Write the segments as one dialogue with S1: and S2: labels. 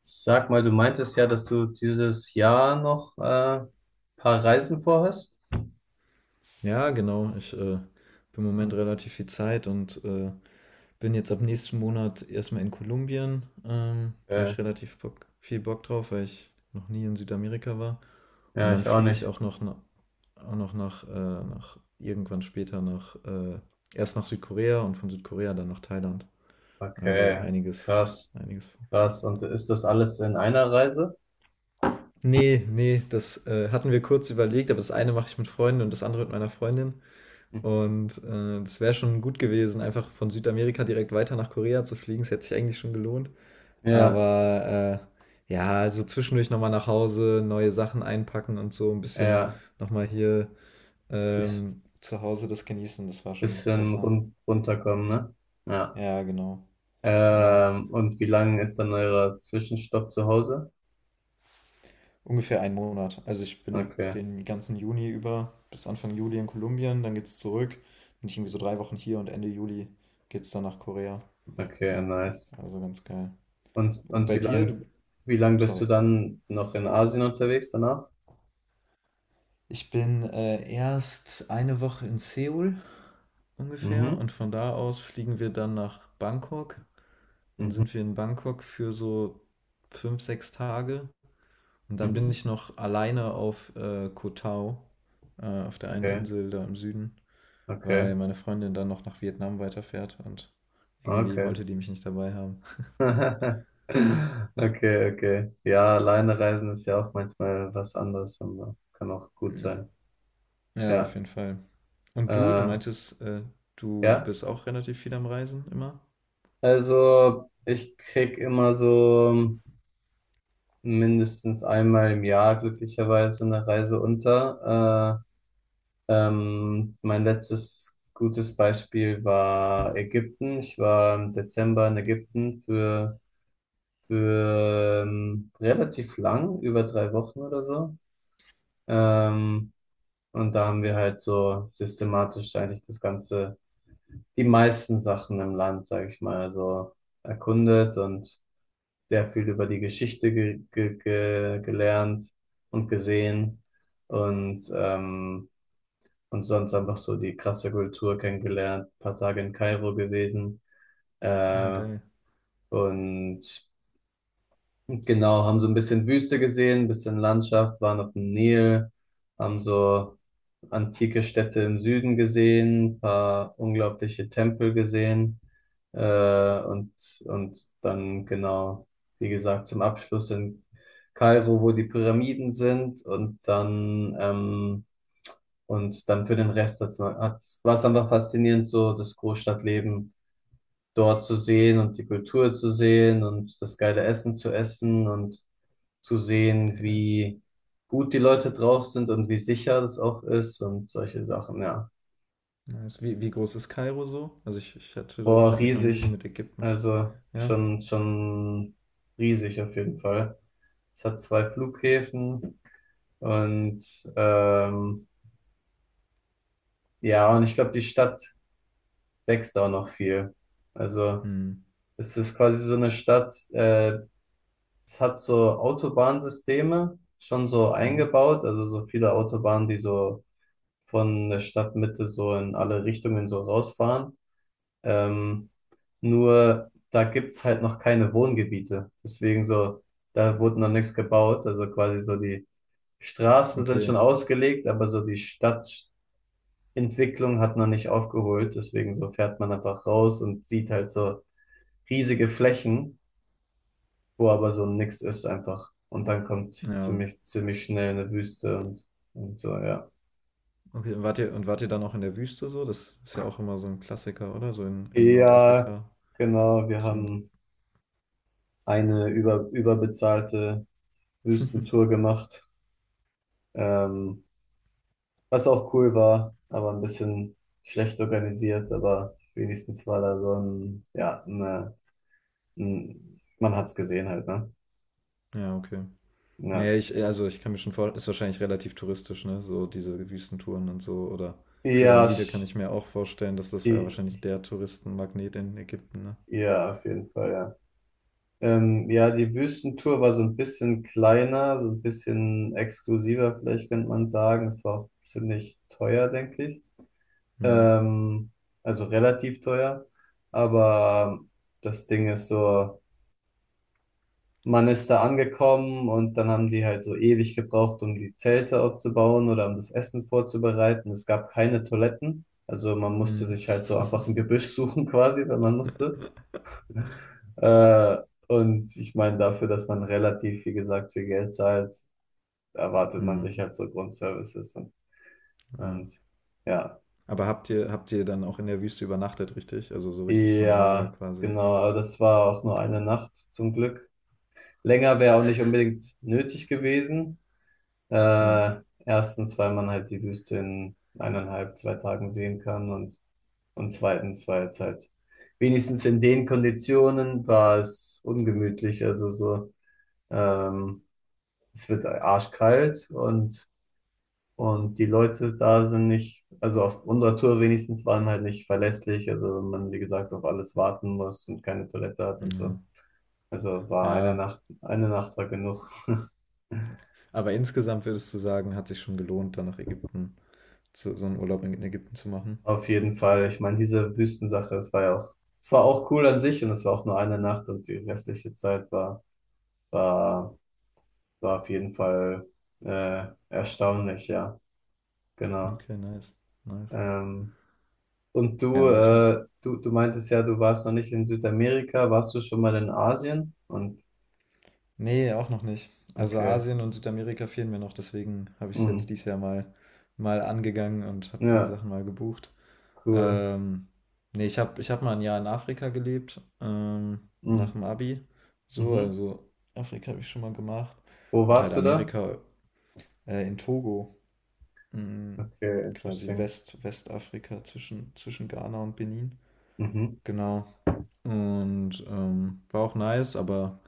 S1: Sag mal, du meintest ja, dass du dieses Jahr noch ein paar Reisen vorhast?
S2: Ja, genau. Ich habe im Moment relativ viel Zeit und bin jetzt ab nächsten Monat erstmal in Kolumbien. Habe
S1: Okay.
S2: ich relativ Bock, viel Bock drauf, weil ich noch nie in Südamerika war. Und
S1: Ja,
S2: dann
S1: ich auch
S2: fliege ich
S1: nicht.
S2: auch noch, na, auch noch nach irgendwann später nach erst nach Südkorea und von Südkorea dann nach Thailand. Also
S1: Okay,
S2: einiges,
S1: krass,
S2: einiges vor.
S1: krass. Und ist das alles in einer Reise?
S2: Nee, nee, das hatten wir kurz überlegt, aber das eine mache ich mit Freunden und das andere mit meiner Freundin.
S1: Mhm.
S2: Und, das wäre schon gut gewesen, einfach von Südamerika direkt weiter nach Korea zu fliegen. Es hätte sich eigentlich schon gelohnt.
S1: Ja,
S2: Aber, ja, also zwischendurch noch mal nach Hause, neue Sachen einpacken und so ein bisschen
S1: ja,
S2: noch mal hier,
S1: ist
S2: zu Hause das genießen, das war schon
S1: bisschen
S2: besser.
S1: runterkommen, ne? Ja.
S2: Ja, genau, genau.
S1: Und wie lange ist dann euer Zwischenstopp zu Hause?
S2: Ungefähr ein Monat. Also, ich bin
S1: Okay,
S2: den ganzen Juni über bis Anfang Juli in Kolumbien, dann geht's zurück. Bin ich irgendwie so 3 Wochen hier und Ende Juli geht's dann nach Korea.
S1: okay,
S2: Ähm,
S1: nice.
S2: also ganz geil.
S1: Und,
S2: Und
S1: und
S2: bei dir? Du,
S1: wie lang bist
S2: sorry.
S1: du dann noch in Asien unterwegs danach?
S2: Ich bin erst eine Woche in Seoul ungefähr
S1: Mhm,
S2: und von da aus fliegen wir dann nach Bangkok. Dann
S1: mhm,
S2: sind wir in Bangkok für so 5, 6 Tage und dann bin
S1: mhm.
S2: ich noch alleine auf Koh Tao, auf der einen
S1: Okay,
S2: Insel da im Süden,
S1: okay,
S2: weil meine Freundin dann noch nach Vietnam weiterfährt und irgendwie
S1: okay.
S2: wollte die mich nicht dabei haben.
S1: Okay, okay. Ja, alleine reisen ist ja auch manchmal was anderes, aber kann auch gut
S2: Ja,
S1: sein.
S2: ja, auf
S1: Ja,
S2: jeden Fall. Und du
S1: äh,
S2: meintest, du
S1: ja.
S2: bist auch relativ viel am Reisen immer?
S1: Also ich krieg immer so mindestens einmal im Jahr glücklicherweise eine Reise unter. Mein letztes gutes Beispiel war Ägypten. Ich war im Dezember in Ägypten für relativ lang, über 3 Wochen oder so. Ähm, und da haben wir halt so systematisch eigentlich das Ganze, die meisten Sachen im Land, sage ich mal, so erkundet und sehr viel über die Geschichte ge ge ge gelernt und gesehen und, ähm, und sonst einfach so die krasse Kultur kennengelernt, ein paar Tage in Kairo gewesen.
S2: Ah,
S1: Äh,
S2: geil,
S1: und Genau, haben so ein bisschen Wüste gesehen, ein bisschen Landschaft, waren auf dem Nil, haben so antike Städte im Süden gesehen, ein paar unglaubliche Tempel gesehen, äh, und, und dann genau, wie gesagt, zum Abschluss in Kairo, wo die Pyramiden sind und dann, und dann für den Rest war es einfach faszinierend, so das Großstadtleben dort zu sehen und die Kultur zu sehen und das geile Essen zu essen und zu sehen,
S2: geil.
S1: wie gut die Leute drauf sind und wie sicher das auch ist und solche Sachen, ja.
S2: Nice. Wie groß ist Kairo so? Also ich hatte,
S1: Boah,
S2: habe mich noch nie so
S1: riesig.
S2: mit Ägypten.
S1: Also
S2: Ja.
S1: schon, schon riesig auf jeden Fall. Es hat 2 Flughäfen und ähm, ja, und ich glaube, die Stadt wächst auch noch viel. Also
S2: Hm.
S1: es ist quasi so eine Stadt, es hat so Autobahnsysteme schon so
S2: Hm.
S1: eingebaut, also so viele Autobahnen, die so von der Stadtmitte so in alle Richtungen so rausfahren. Ähm, Nur da gibt's halt noch keine Wohngebiete. Deswegen so, da wurde noch nichts gebaut. Also quasi so die Straßen sind schon
S2: Okay.
S1: ausgelegt, aber so die Stadtentwicklung hat noch nicht aufgeholt. Deswegen so fährt man einfach raus und sieht halt so riesige Flächen, wo aber so nix ist einfach. Und dann kommt
S2: Ja.
S1: ziemlich, ziemlich schnell eine Wüste und so, ja.
S2: Okay. Und wart ihr dann auch in der Wüste so? Das ist ja auch immer so ein Klassiker, oder? So in
S1: Ja,
S2: Nordafrika.
S1: genau, wir
S2: Dass man,
S1: haben eine überbezahlte Wüstentour gemacht, ähm, was auch cool war, aber ein bisschen schlecht organisiert, aber wenigstens war da so ein, ja, ne, ein, man hat's gesehen halt, ne?
S2: ja, okay.
S1: Ja,
S2: Nee, also ich kann mir schon vorstellen, ist wahrscheinlich relativ touristisch, ne? So diese Wüstentouren und so. Oder
S1: ja,
S2: Pyramide kann ich mir auch vorstellen, dass das ja wahrscheinlich
S1: i-
S2: der Touristenmagnet in Ägypten, ne?
S1: ja, auf jeden Fall, ja. Ja, die Wüstentour war so ein bisschen kleiner, so ein bisschen exklusiver, vielleicht könnte man sagen. Es war auch ziemlich teuer, denke ich.
S2: Hm.
S1: Ähm, also relativ teuer. Aber das Ding ist so, man ist da angekommen und dann haben die halt so ewig gebraucht, um die Zelte aufzubauen oder um das Essen vorzubereiten. Es gab keine Toiletten. Also man musste
S2: Hm.
S1: sich halt so einfach ein Gebüsch suchen quasi, wenn man musste. Äh, und ich meine, dafür, dass man relativ, wie gesagt, viel Geld zahlt, erwartet man
S2: Hm.
S1: sich halt so Grundservices.
S2: Ja.
S1: Und ja,
S2: Aber habt ihr dann auch in der Wüste übernachtet, richtig? Also so richtig so ein Lager
S1: ja,
S2: quasi.
S1: genau. Aber das war auch nur
S2: Okay.
S1: eine Nacht zum Glück. Länger wäre auch nicht unbedingt nötig gewesen.
S2: Ja.
S1: Erstens, weil man halt die Wüste in eineinhalb, zwei Tagen sehen kann und zweitens, weil es halt wenigstens in den Konditionen war es ungemütlich. Also so, ähm, es wird arschkalt und die Leute da sind nicht, also auf unserer Tour wenigstens waren halt nicht verlässlich. Also wenn man, wie gesagt, auf alles warten muss und keine Toilette hat und so.
S2: Ja.
S1: Also war
S2: Ja.
S1: Eine Nacht war genug.
S2: Aber insgesamt würdest du sagen, hat sich schon gelohnt, dann nach Ägypten, zu, so einen Urlaub in Ägypten zu machen.
S1: Auf jeden Fall. Ich meine, diese Wüstensache, es war ja auch, es war auch cool an sich und es war auch nur eine Nacht und die restliche Zeit war, war, war auf jeden Fall erstaunlich, ja, genau.
S2: Okay, nice. Nice.
S1: Ähm, und du,
S2: Ja, ich,
S1: äh, du, du meintest ja, du warst noch nicht in Südamerika, warst du schon mal in Asien? Und
S2: nee, auch noch nicht. Also
S1: okay,
S2: Asien und Südamerika fehlen mir noch, deswegen habe ich es
S1: hm,
S2: jetzt dieses Jahr mal angegangen und habe die
S1: ja,
S2: Sachen mal gebucht.
S1: cool.
S2: Ähm, nee, ich hab mal ein Jahr in Afrika gelebt, nach
S1: Hm,
S2: dem Abi. So,
S1: mhm.
S2: also Afrika habe ich schon mal gemacht.
S1: Wo
S2: Und halt
S1: warst du da?
S2: Amerika in Togo, mm,
S1: Okay,
S2: quasi
S1: interesting.
S2: Westafrika zwischen Ghana und Benin.
S1: Mhm.
S2: Genau. Und war auch nice, aber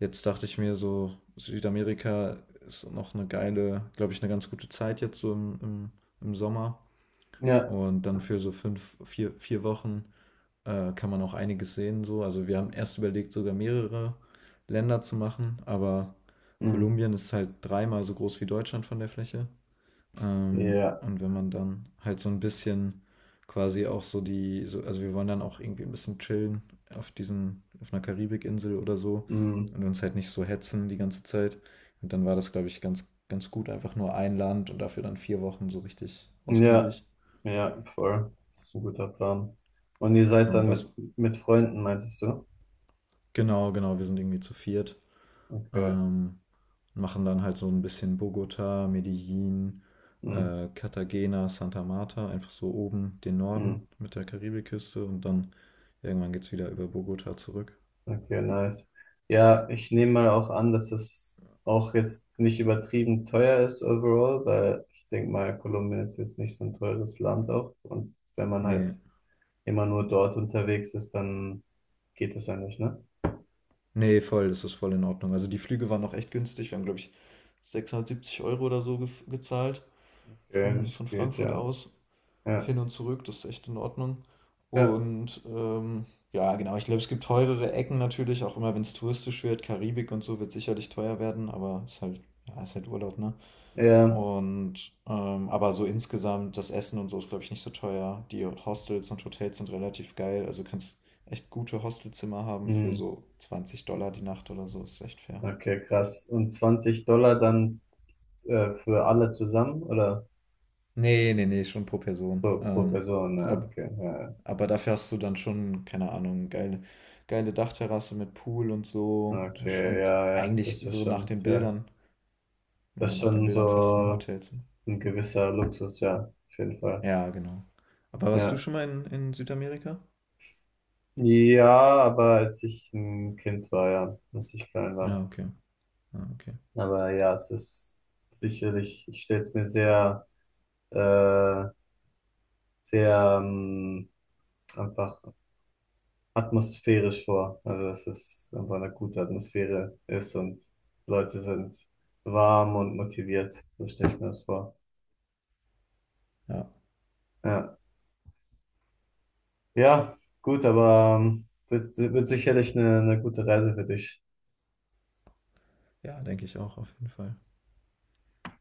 S2: jetzt dachte ich mir so, Südamerika ist noch eine geile, glaube ich, eine ganz gute Zeit jetzt so im Sommer.
S1: Ja,
S2: Und dann für so fünf, vier Wochen kann man auch einiges sehen. So. Also wir haben erst überlegt, sogar mehrere Länder zu machen, aber
S1: hm,
S2: Kolumbien ist halt dreimal so groß wie Deutschland von der Fläche. Ähm,
S1: ja,
S2: und wenn man dann halt so ein bisschen quasi auch so die, so, also wir wollen dann auch irgendwie ein bisschen chillen auf diesen, auf einer Karibikinsel oder so
S1: hm.
S2: und uns halt nicht so hetzen die ganze Zeit. Und dann war das, glaube ich, ganz, ganz gut, einfach nur ein Land und dafür dann 4 Wochen so richtig
S1: Ja,
S2: ausgiebig.
S1: ja, voll. Das ist ein guter Plan. Und ihr seid
S2: Genau,
S1: dann
S2: was,
S1: mit Freunden, meintest du?
S2: genau, wir sind irgendwie zu viert.
S1: Okay.
S2: Ähm, machen dann halt so ein bisschen Bogota, Medellin,
S1: Hm,
S2: Cartagena, Santa Marta, einfach so oben den Norden
S1: hm.
S2: mit der Karibikküste und dann irgendwann geht's wieder über Bogota zurück.
S1: Okay, nice. Ja, ich nehme mal auch an, dass es auch jetzt nicht übertrieben teuer ist overall, weil ich denke mal, Kolumbien ist jetzt nicht so ein teures Land auch. Und wenn man
S2: Nee,
S1: halt immer nur dort unterwegs ist, dann geht das ja nicht, ne?
S2: nee, voll, das ist voll in Ordnung. Also die Flüge waren noch echt günstig. Wir haben, glaube ich, 670 Euro oder so gezahlt
S1: Okay,
S2: von,
S1: das
S2: von
S1: geht,
S2: Frankfurt
S1: ja.
S2: aus.
S1: Ja,
S2: Hin und zurück, das ist echt in Ordnung.
S1: ja,
S2: Und ja, genau, ich glaube, es gibt teurere Ecken natürlich, auch immer wenn es touristisch wird. Karibik und so wird sicherlich teuer werden, aber ist halt, ja, ist halt Urlaub, ne?
S1: ja.
S2: Und aber so insgesamt, das Essen und so ist, glaube ich, nicht so teuer. Die Hostels und Hotels sind relativ geil. Also kannst echt gute Hostelzimmer haben für
S1: Hm.
S2: so $20 die Nacht oder so. Ist echt fair.
S1: Okay, krass. Und $20 dann. Für alle zusammen oder
S2: Nee, nee, nee, schon pro Person.
S1: pro Person? Ja,
S2: Ab,
S1: okay, ja,
S2: Aber dafür hast du dann schon, keine Ahnung, geile, geile Dachterrasse mit Pool und so.
S1: ja. Okay,
S2: Und
S1: ja, ja,
S2: eigentlich
S1: das ist
S2: so nach
S1: schon
S2: den
S1: sehr,
S2: Bildern,
S1: das
S2: ja,
S1: ist
S2: nach den
S1: schon
S2: Bildern fast ein
S1: so
S2: Hotelzimmer.
S1: ein gewisser Luxus, ja, auf jeden Fall.
S2: Ja, genau. Aber warst du
S1: Ja,
S2: schon mal in Südamerika?
S1: ja, aber als ich ein Kind war, ja, als ich klein war.
S2: Ja, okay. Ja, okay.
S1: Aber ja, es ist sicherlich, ich stelle es mir sehr, äh, sehr einfach atmosphärisch vor. Also dass es einfach eine gute Atmosphäre ist und Leute sind warm und motiviert. So stelle ich mir das vor.
S2: Ja,
S1: Ja, ja, gut, aber wird, wird sicherlich eine gute Reise für dich.
S2: ja, denke ich auch auf jeden Fall.